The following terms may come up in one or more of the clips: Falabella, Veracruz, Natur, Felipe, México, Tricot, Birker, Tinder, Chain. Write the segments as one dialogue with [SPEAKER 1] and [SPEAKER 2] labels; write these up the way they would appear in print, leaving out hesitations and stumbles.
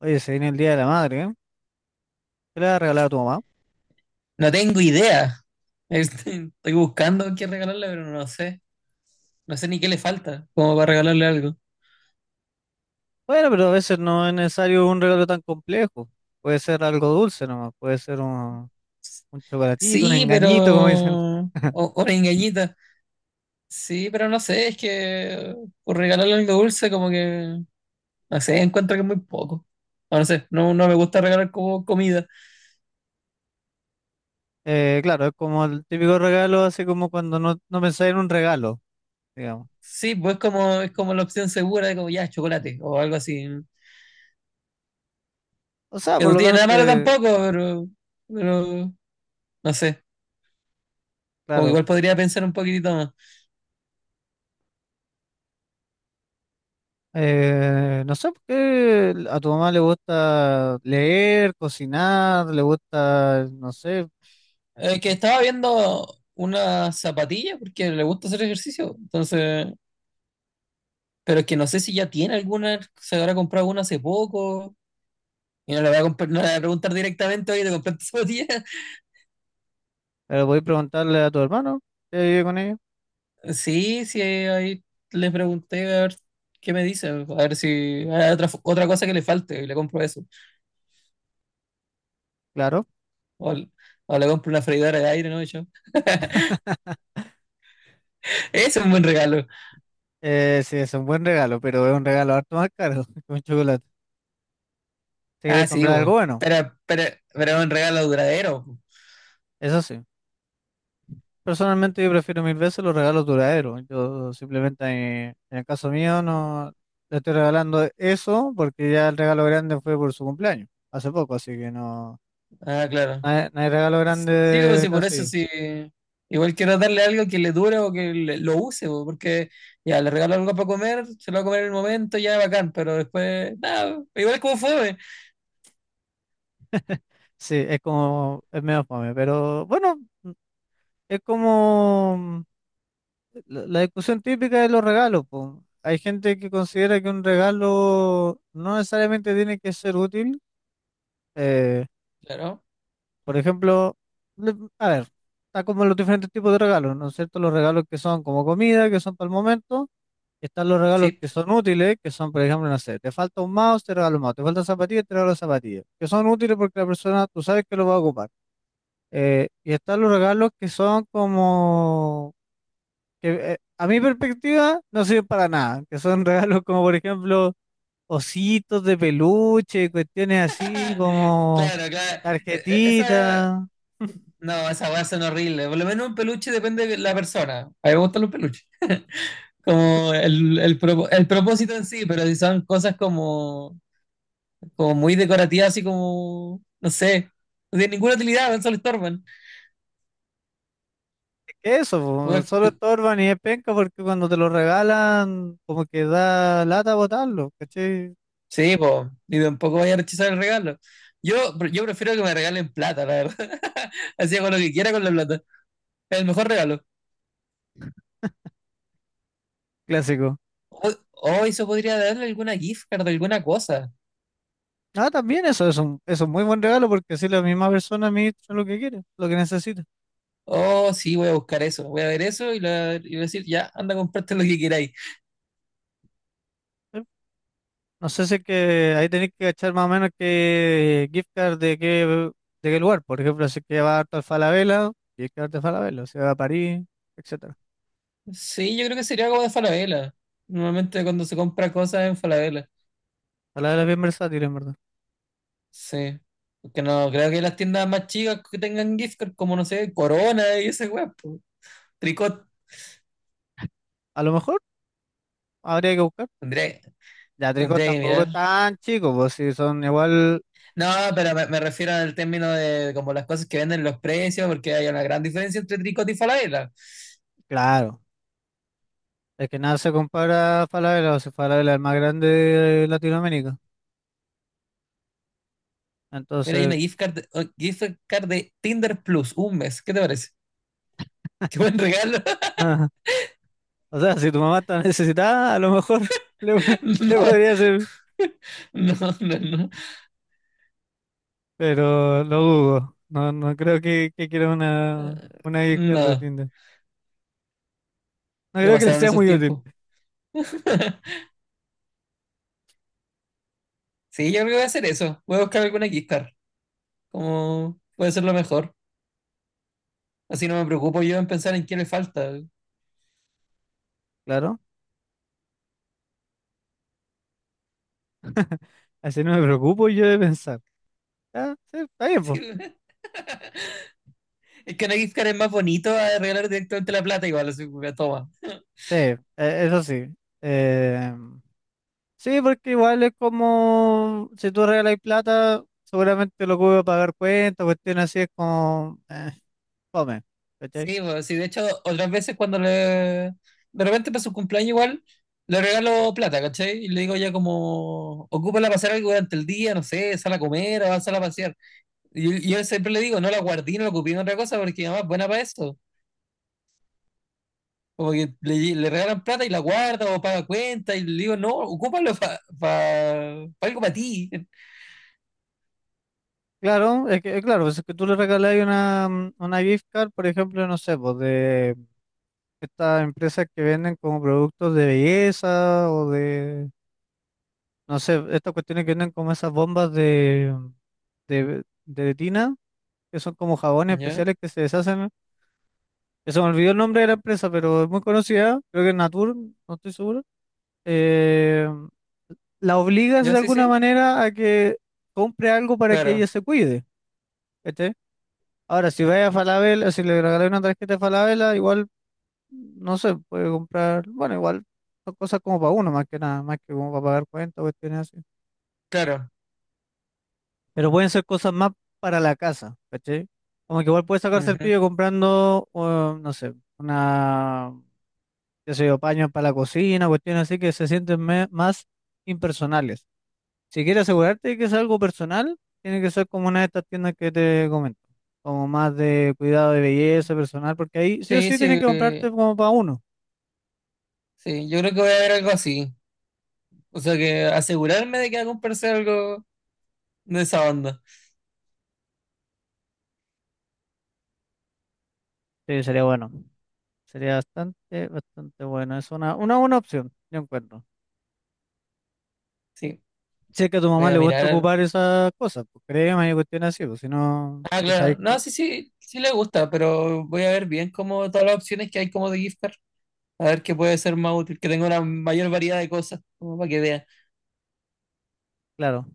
[SPEAKER 1] Oye, se viene el Día de la Madre, ¿eh? ¿Qué le vas a regalar a tu mamá?
[SPEAKER 2] No tengo idea. Estoy buscando qué regalarle, pero no sé. No sé ni qué le falta, como para regalarle algo.
[SPEAKER 1] Bueno, pero a veces no es necesario un regalo tan complejo. Puede ser algo dulce nomás, puede ser un chocolatito, un
[SPEAKER 2] Sí, pero...
[SPEAKER 1] engañito, como dicen.
[SPEAKER 2] O, o una engañita. Sí, pero no sé, es que por regalarle algo dulce como que... No sé, encuentro que es muy poco. O no sé, no, no me gusta regalar como comida.
[SPEAKER 1] Claro, es como el típico regalo, así como cuando no pensáis en un regalo, digamos.
[SPEAKER 2] Sí, pues como, es como la opción segura de como ya, chocolate o algo así.
[SPEAKER 1] O sea,
[SPEAKER 2] Que
[SPEAKER 1] por
[SPEAKER 2] no
[SPEAKER 1] lo
[SPEAKER 2] tiene
[SPEAKER 1] menos
[SPEAKER 2] nada malo
[SPEAKER 1] te,
[SPEAKER 2] tampoco, pero... Pero... No sé, como que
[SPEAKER 1] claro,
[SPEAKER 2] igual podría pensar un poquitito más.
[SPEAKER 1] no sé por qué a tu mamá le gusta leer, cocinar, le gusta, no sé,
[SPEAKER 2] Que
[SPEAKER 1] eh,
[SPEAKER 2] estaba viendo una zapatilla porque le gusta hacer ejercicio. Entonces, pero es que no sé si ya tiene alguna, se habrá comprado una hace poco. Y no le voy a, no le voy a preguntar directamente, oye, ¿te compraste zapatilla?
[SPEAKER 1] pero podéis preguntarle a tu hermano que vive con ella,
[SPEAKER 2] Sí, sí, ahí le pregunté a ver qué me dice, a ver si hay otra cosa que le falte y le compro eso.
[SPEAKER 1] claro.
[SPEAKER 2] O, o le compro una freidora de aire, ¿no? Y yo, ese es un buen regalo.
[SPEAKER 1] Sí, es un buen regalo, pero es un regalo harto más caro que un chocolate. Si quieres
[SPEAKER 2] Ah, sí,
[SPEAKER 1] comprar algo
[SPEAKER 2] bueno.
[SPEAKER 1] bueno,
[SPEAKER 2] Pero es un regalo duradero.
[SPEAKER 1] eso sí. Personalmente yo prefiero mil veces los regalos duraderos. Yo simplemente, en el caso mío, no le estoy regalando eso porque ya el regalo grande fue por su cumpleaños, hace poco, así que no,
[SPEAKER 2] Ah, claro.
[SPEAKER 1] no hay, no hay regalo
[SPEAKER 2] Sí, sí, o
[SPEAKER 1] grande
[SPEAKER 2] sí,
[SPEAKER 1] tan
[SPEAKER 2] por eso
[SPEAKER 1] seguido.
[SPEAKER 2] sí. Igual quiero darle algo que le dure o que lo use, po, porque ya le regalo algo para comer, se lo va a comer en el momento, ya bacán, pero después, nada, igual es como fue
[SPEAKER 1] Sí, es como, es medio fome, pero bueno, es como. La discusión típica de los regalos, po. Hay gente que considera que un regalo no necesariamente tiene que ser útil. eh,
[SPEAKER 2] claro,
[SPEAKER 1] por ejemplo, le- a ver, está como los diferentes tipos de regalos, ¿no es cierto? Los regalos que son como comida, que son para el momento. Están los regalos
[SPEAKER 2] chip.
[SPEAKER 1] que son útiles, que son, por ejemplo, no sé, te falta un mouse, te regalo un mouse, te falta zapatillas, te regalo zapatillas, que son útiles porque la persona, tú sabes que lo va a ocupar. Y están los regalos que son como que a mi perspectiva no sirven para nada, que son regalos como por ejemplo ositos de peluche, cuestiones así como
[SPEAKER 2] Claro, claro. Esa,
[SPEAKER 1] tarjetitas,
[SPEAKER 2] no, esa weas son horribles. Por lo menos un peluche depende de la persona. A mí me gustan los peluches. Como el propósito en sí, pero si son cosas como, como muy decorativas, así como, no sé, no tienen ninguna utilidad, solo estorban.
[SPEAKER 1] es que eso, po,
[SPEAKER 2] Weá,
[SPEAKER 1] solo estorban y es penca porque cuando te lo regalan como que da lata botarlo, ¿cachai?
[SPEAKER 2] sí, po, y tampoco vaya a rechazar el regalo. Yo, yo prefiero que me regalen plata, la verdad. Así hago lo que quiera con la plata. Es el mejor regalo.
[SPEAKER 1] Clásico.
[SPEAKER 2] O, o eso podría darle alguna gift card, alguna cosa.
[SPEAKER 1] Ah, también eso es un muy buen regalo porque así la misma persona administra lo que quiere, lo que necesita.
[SPEAKER 2] Oh, sí, voy a buscar eso. Voy a ver eso y, y voy a decir, ya, anda a comprarte lo que queráis.
[SPEAKER 1] No sé si es que ahí tenéis que echar más o menos qué gift card de qué lugar. Por ejemplo, si es que va harto a Falabella, gift card de Falabella. Si va a París, etcétera.
[SPEAKER 2] Sí, yo creo que sería algo de Falabella. Normalmente cuando se compra cosas en Falabella.
[SPEAKER 1] Falabella es bien versátil, en verdad.
[SPEAKER 2] Sí. Porque no, creo que las tiendas más chicas que tengan gift card, como no sé, Corona y esa weá, po. Tricot.
[SPEAKER 1] A lo mejor habría que buscar.
[SPEAKER 2] Tendría,
[SPEAKER 1] Ya Tricot
[SPEAKER 2] tendría que
[SPEAKER 1] tampoco
[SPEAKER 2] mirar.
[SPEAKER 1] es tan chico, pues si son igual,
[SPEAKER 2] No, pero me refiero al término de como las cosas que venden los precios, porque hay una gran diferencia entre Tricot y Falabella.
[SPEAKER 1] claro. Es que nada se compara a Falabella, o si Falabella es el más grande de Latinoamérica.
[SPEAKER 2] Mira, hay
[SPEAKER 1] Entonces,
[SPEAKER 2] una gift card, gift card de Tinder Plus, un mes. ¿Qué te parece? ¿Qué buen regalo?
[SPEAKER 1] nada. O sea, si tu mamá está necesitada, a lo mejor le, le
[SPEAKER 2] No,
[SPEAKER 1] podría hacer.
[SPEAKER 2] no, no, no.
[SPEAKER 1] Pero lo dudo. No, no creo que quiera
[SPEAKER 2] Eh,
[SPEAKER 1] una gift card de
[SPEAKER 2] No,
[SPEAKER 1] Tinder. No
[SPEAKER 2] ya
[SPEAKER 1] creo que le
[SPEAKER 2] pasaron
[SPEAKER 1] sea
[SPEAKER 2] esos
[SPEAKER 1] muy útil.
[SPEAKER 2] tiempos. Sí, yo creo que voy a hacer eso. Voy a buscar alguna gift card. Como puede ser lo mejor. Así no me preocupo yo en pensar en qué le falta.
[SPEAKER 1] Claro, así no me preocupo yo de pensar. Ah, sí, está bien,
[SPEAKER 2] Sí,
[SPEAKER 1] pues.
[SPEAKER 2] es que una gift card es más bonito a regalar directamente la plata igual, así que toma.
[SPEAKER 1] Sí, eso sí. Eh, sí, porque igual es como si tú regalas plata, seguramente lo que voy a pagar cuentas, cuestiones así es como, fome, ¿cachai?
[SPEAKER 2] Sí, pues, sí, de hecho, otras veces cuando le... De repente para su cumpleaños igual, le regalo plata, ¿cachai? Y le digo ya como, ocúpala para hacer algo durante el día, no sé, sal a comer o sal a pasear. Y yo, siempre le digo, no la guardé, no la ocupé en otra cosa porque mi mamá es buena para eso. Como que le regalan plata y la guarda o paga cuenta y le digo, no, ocúpalo para algo para ti.
[SPEAKER 1] Claro, es que, claro, pues es que tú le regalas una gift card, por ejemplo, no sé, pues de estas empresas que venden como productos de belleza o de, no sé, estas cuestiones que venden como esas bombas de tina, que son como jabones
[SPEAKER 2] ¿Ya?
[SPEAKER 1] especiales que se deshacen. Que se me olvidó el nombre de la empresa, pero es muy conocida, creo que es Natur, no estoy seguro. Eh, la obligas
[SPEAKER 2] ¿Ya?
[SPEAKER 1] de
[SPEAKER 2] Sí,
[SPEAKER 1] alguna
[SPEAKER 2] sí.
[SPEAKER 1] manera a que compre algo para que
[SPEAKER 2] Claro,
[SPEAKER 1] ella se cuide, ¿cachai? Ahora, si vaya a Falabella, si le regalas una tarjeta de Falabella, igual no sé, puede comprar, bueno, igual son cosas como para uno, más que nada, más que como para pagar cuentas o cuestiones así.
[SPEAKER 2] claro.
[SPEAKER 1] Pero pueden ser cosas más para la casa, ¿cachai? Como que igual puede sacarse el
[SPEAKER 2] Ujú.
[SPEAKER 1] pillo comprando, no sé, una, qué sé yo, paños para la cocina, cuestiones así que se sienten más impersonales. Si quieres asegurarte de que es algo personal, tiene que ser como una de estas tiendas que te comento, como más de cuidado de belleza personal, porque ahí sí o
[SPEAKER 2] Sí,
[SPEAKER 1] sí tienes
[SPEAKER 2] sí,
[SPEAKER 1] que comprarte como para uno.
[SPEAKER 2] sí. Yo creo que voy a ver algo así. O sea que asegurarme de que va a comprarse algo de esa banda.
[SPEAKER 1] Sí, sería bueno. Sería bastante, bastante bueno. Es una buena opción, yo encuentro.
[SPEAKER 2] Sí,
[SPEAKER 1] Si es que a tu
[SPEAKER 2] voy
[SPEAKER 1] mamá le
[SPEAKER 2] a
[SPEAKER 1] gusta
[SPEAKER 2] mirar.
[SPEAKER 1] ocupar esas cosas, pues créeme, hay cuestiones así, pues si no,
[SPEAKER 2] Ah,
[SPEAKER 1] si sabes
[SPEAKER 2] claro. No,
[SPEAKER 1] que-
[SPEAKER 2] sí, sí, sí le gusta, pero voy a ver bien como todas las opciones que hay como de gift card. A ver qué puede ser más útil, que tenga una mayor variedad de cosas, como para que vea,
[SPEAKER 1] claro,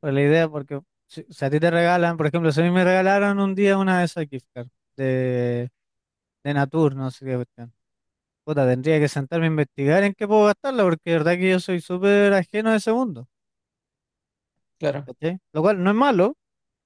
[SPEAKER 1] pues la idea, porque si a ti te regalan, por ejemplo, si a mí me regalaron un día una de esas gift cards de, de Natur, no sé qué cuestión. Puta, tendría que sentarme a investigar en qué puedo gastarla, porque de verdad que yo soy súper ajeno a ese mundo,
[SPEAKER 2] claro.
[SPEAKER 1] ¿cachai? Lo cual no es malo.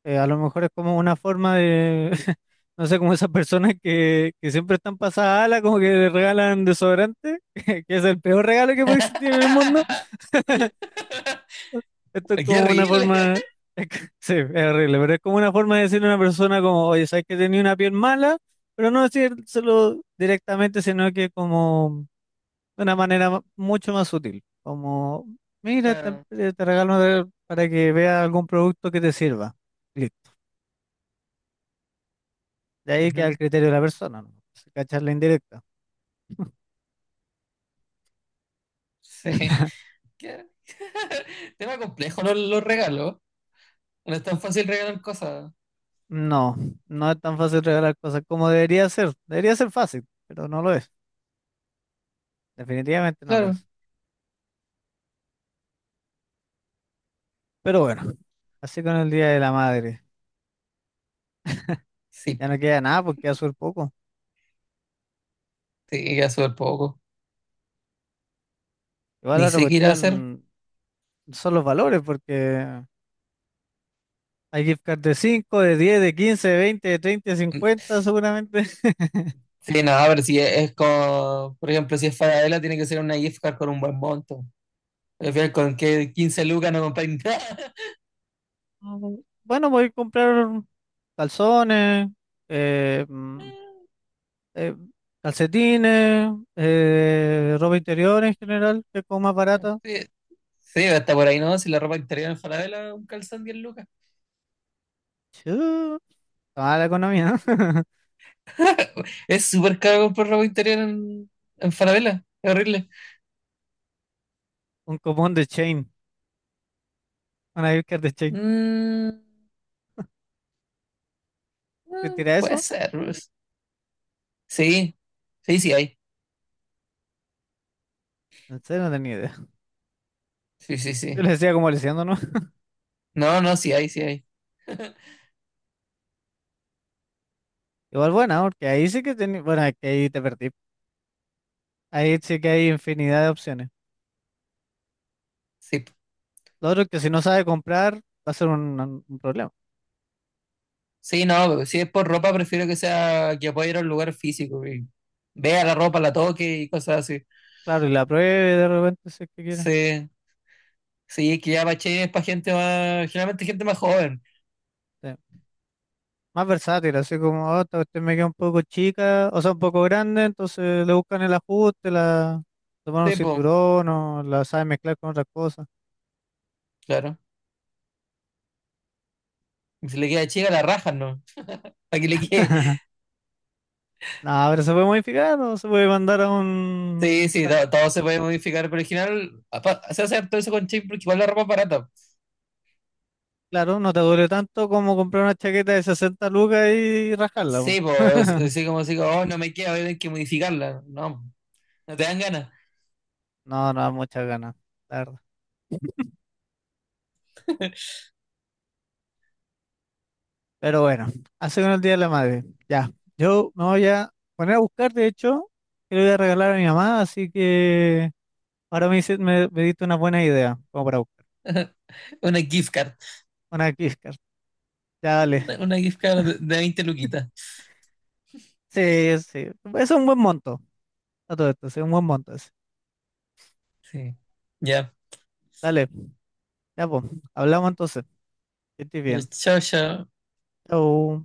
[SPEAKER 1] A lo mejor es como una forma de, no sé, como esas personas que siempre están pasadas ala, como que le regalan desodorante, que es el peor regalo que puede existir en el mundo. Esto es
[SPEAKER 2] ¡Qué
[SPEAKER 1] como una
[SPEAKER 2] horrible!
[SPEAKER 1] forma, sí, es horrible, pero es como una forma de decirle a una persona como, oye, sabes que tenía una piel mala, pero no decírselo directamente, sino que como de una manera mucho más sutil, como, mira,
[SPEAKER 2] Claro.
[SPEAKER 1] te regalo para que veas algún producto que te sirva. De ahí queda el
[SPEAKER 2] Ujú,
[SPEAKER 1] criterio de la persona, ¿no? Si cachas la indirecta.
[SPEAKER 2] sí. Qué... tema complejo los regalos. No es tan fácil regalar cosas.
[SPEAKER 1] No, no es tan fácil regalar cosas como debería ser. Debería ser fácil, pero no lo es. Definitivamente no lo
[SPEAKER 2] Claro.
[SPEAKER 1] es. Pero bueno, así con el Día de la Madre.
[SPEAKER 2] Sí,
[SPEAKER 1] Ya no queda nada porque queda súper poco.
[SPEAKER 2] sí, queda súper poco.
[SPEAKER 1] Igual la
[SPEAKER 2] Ni
[SPEAKER 1] otra
[SPEAKER 2] sé qué ir a hacer.
[SPEAKER 1] cuestión son los valores, porque hay gift cards de cinco, de 10, de 15, de 20, de 30, de 50 seguramente.
[SPEAKER 2] Sí, no, pero si es, es con, por ejemplo, si es Falabella, tiene que ser una gift card con un buen monto. Al final, con que 15 lucas no compráis nada.
[SPEAKER 1] Mm, Bueno, voy a comprar calzones, eh, mm, eh, calcetines, ropa interior en general, que es como más barata.
[SPEAKER 2] Sí, sí, hasta por ahí no, si la ropa interior en Falabella, un calzón 10 lucas.
[SPEAKER 1] Chu, está mala la economía, ¿no?
[SPEAKER 2] Es súper caro comprar ropa interior en Falabella, es horrible.
[SPEAKER 1] Un cupón de Chain, una Birker de Chain.
[SPEAKER 2] Mm,
[SPEAKER 1] ¿Te
[SPEAKER 2] mm,
[SPEAKER 1] tira
[SPEAKER 2] puede
[SPEAKER 1] eso?
[SPEAKER 2] ser, pues. Sí, sí, sí hay.
[SPEAKER 1] En serio, no tenía idea.
[SPEAKER 2] Sí, sí,
[SPEAKER 1] Yo
[SPEAKER 2] sí.
[SPEAKER 1] le decía como leyendo, ¿no?
[SPEAKER 2] No, no, sí hay, sí hay.
[SPEAKER 1] Igual buena, ¿no? Porque ahí sí que tenía, bueno, es que ahí te perdí. Ahí sí que hay infinidad de opciones.
[SPEAKER 2] Sí.
[SPEAKER 1] Lo otro es que si no sabe comprar, va a ser un problema.
[SPEAKER 2] Sí, no, si es por ropa, prefiero que sea que pueda ir a un lugar físico y vea la ropa, la toque y cosas así.
[SPEAKER 1] Claro, y la pruebe de repente si es que quiere.
[SPEAKER 2] Sí, sí, es que ya Bache es para gente más, generalmente gente más joven.
[SPEAKER 1] Sí. Más versátil, así como, oh, esta cuestión me queda un poco chica, o sea, un poco grande, entonces le buscan el ajuste, la toman un
[SPEAKER 2] Sí, pues,
[SPEAKER 1] cinturón o la saben mezclar con otras cosas.
[SPEAKER 2] claro. Y si le queda chica, la rajan, ¿no? Para que le quede.
[SPEAKER 1] No, pero se puede modificar o se puede mandar a
[SPEAKER 2] Sí,
[SPEAKER 1] un...
[SPEAKER 2] sí,
[SPEAKER 1] a-
[SPEAKER 2] todo, se puede modificar, pero al final se hace todo eso con chip porque igual la ropa es barata.
[SPEAKER 1] Claro, no te duele tanto como comprar una chaqueta de 60 lucas y rascarla, po.
[SPEAKER 2] Sí, pues, así como si, oh, no me queda, voy a tener que modificarla. No, no te dan ganas.
[SPEAKER 1] No, no da muchas ganas, la verdad. Pero bueno, hace con el Día de la Madre. Ya, yo me voy a poner a buscar, de hecho, que le voy a regalar a mi mamá, así que. Ahora me diste una buena idea, como para buscar.
[SPEAKER 2] Una gift card.
[SPEAKER 1] Una gift card. Ya,
[SPEAKER 2] Sí,
[SPEAKER 1] dale.
[SPEAKER 2] una gift card de 20 luquitas.
[SPEAKER 1] Sí, sí. Es un buen monto. A todo esto, sí, un buen monto ese.
[SPEAKER 2] Sí. Ya.
[SPEAKER 1] Dale, ya pues. Hablamos entonces. Que estés
[SPEAKER 2] Ya
[SPEAKER 1] bien.
[SPEAKER 2] está bien.
[SPEAKER 1] Chau.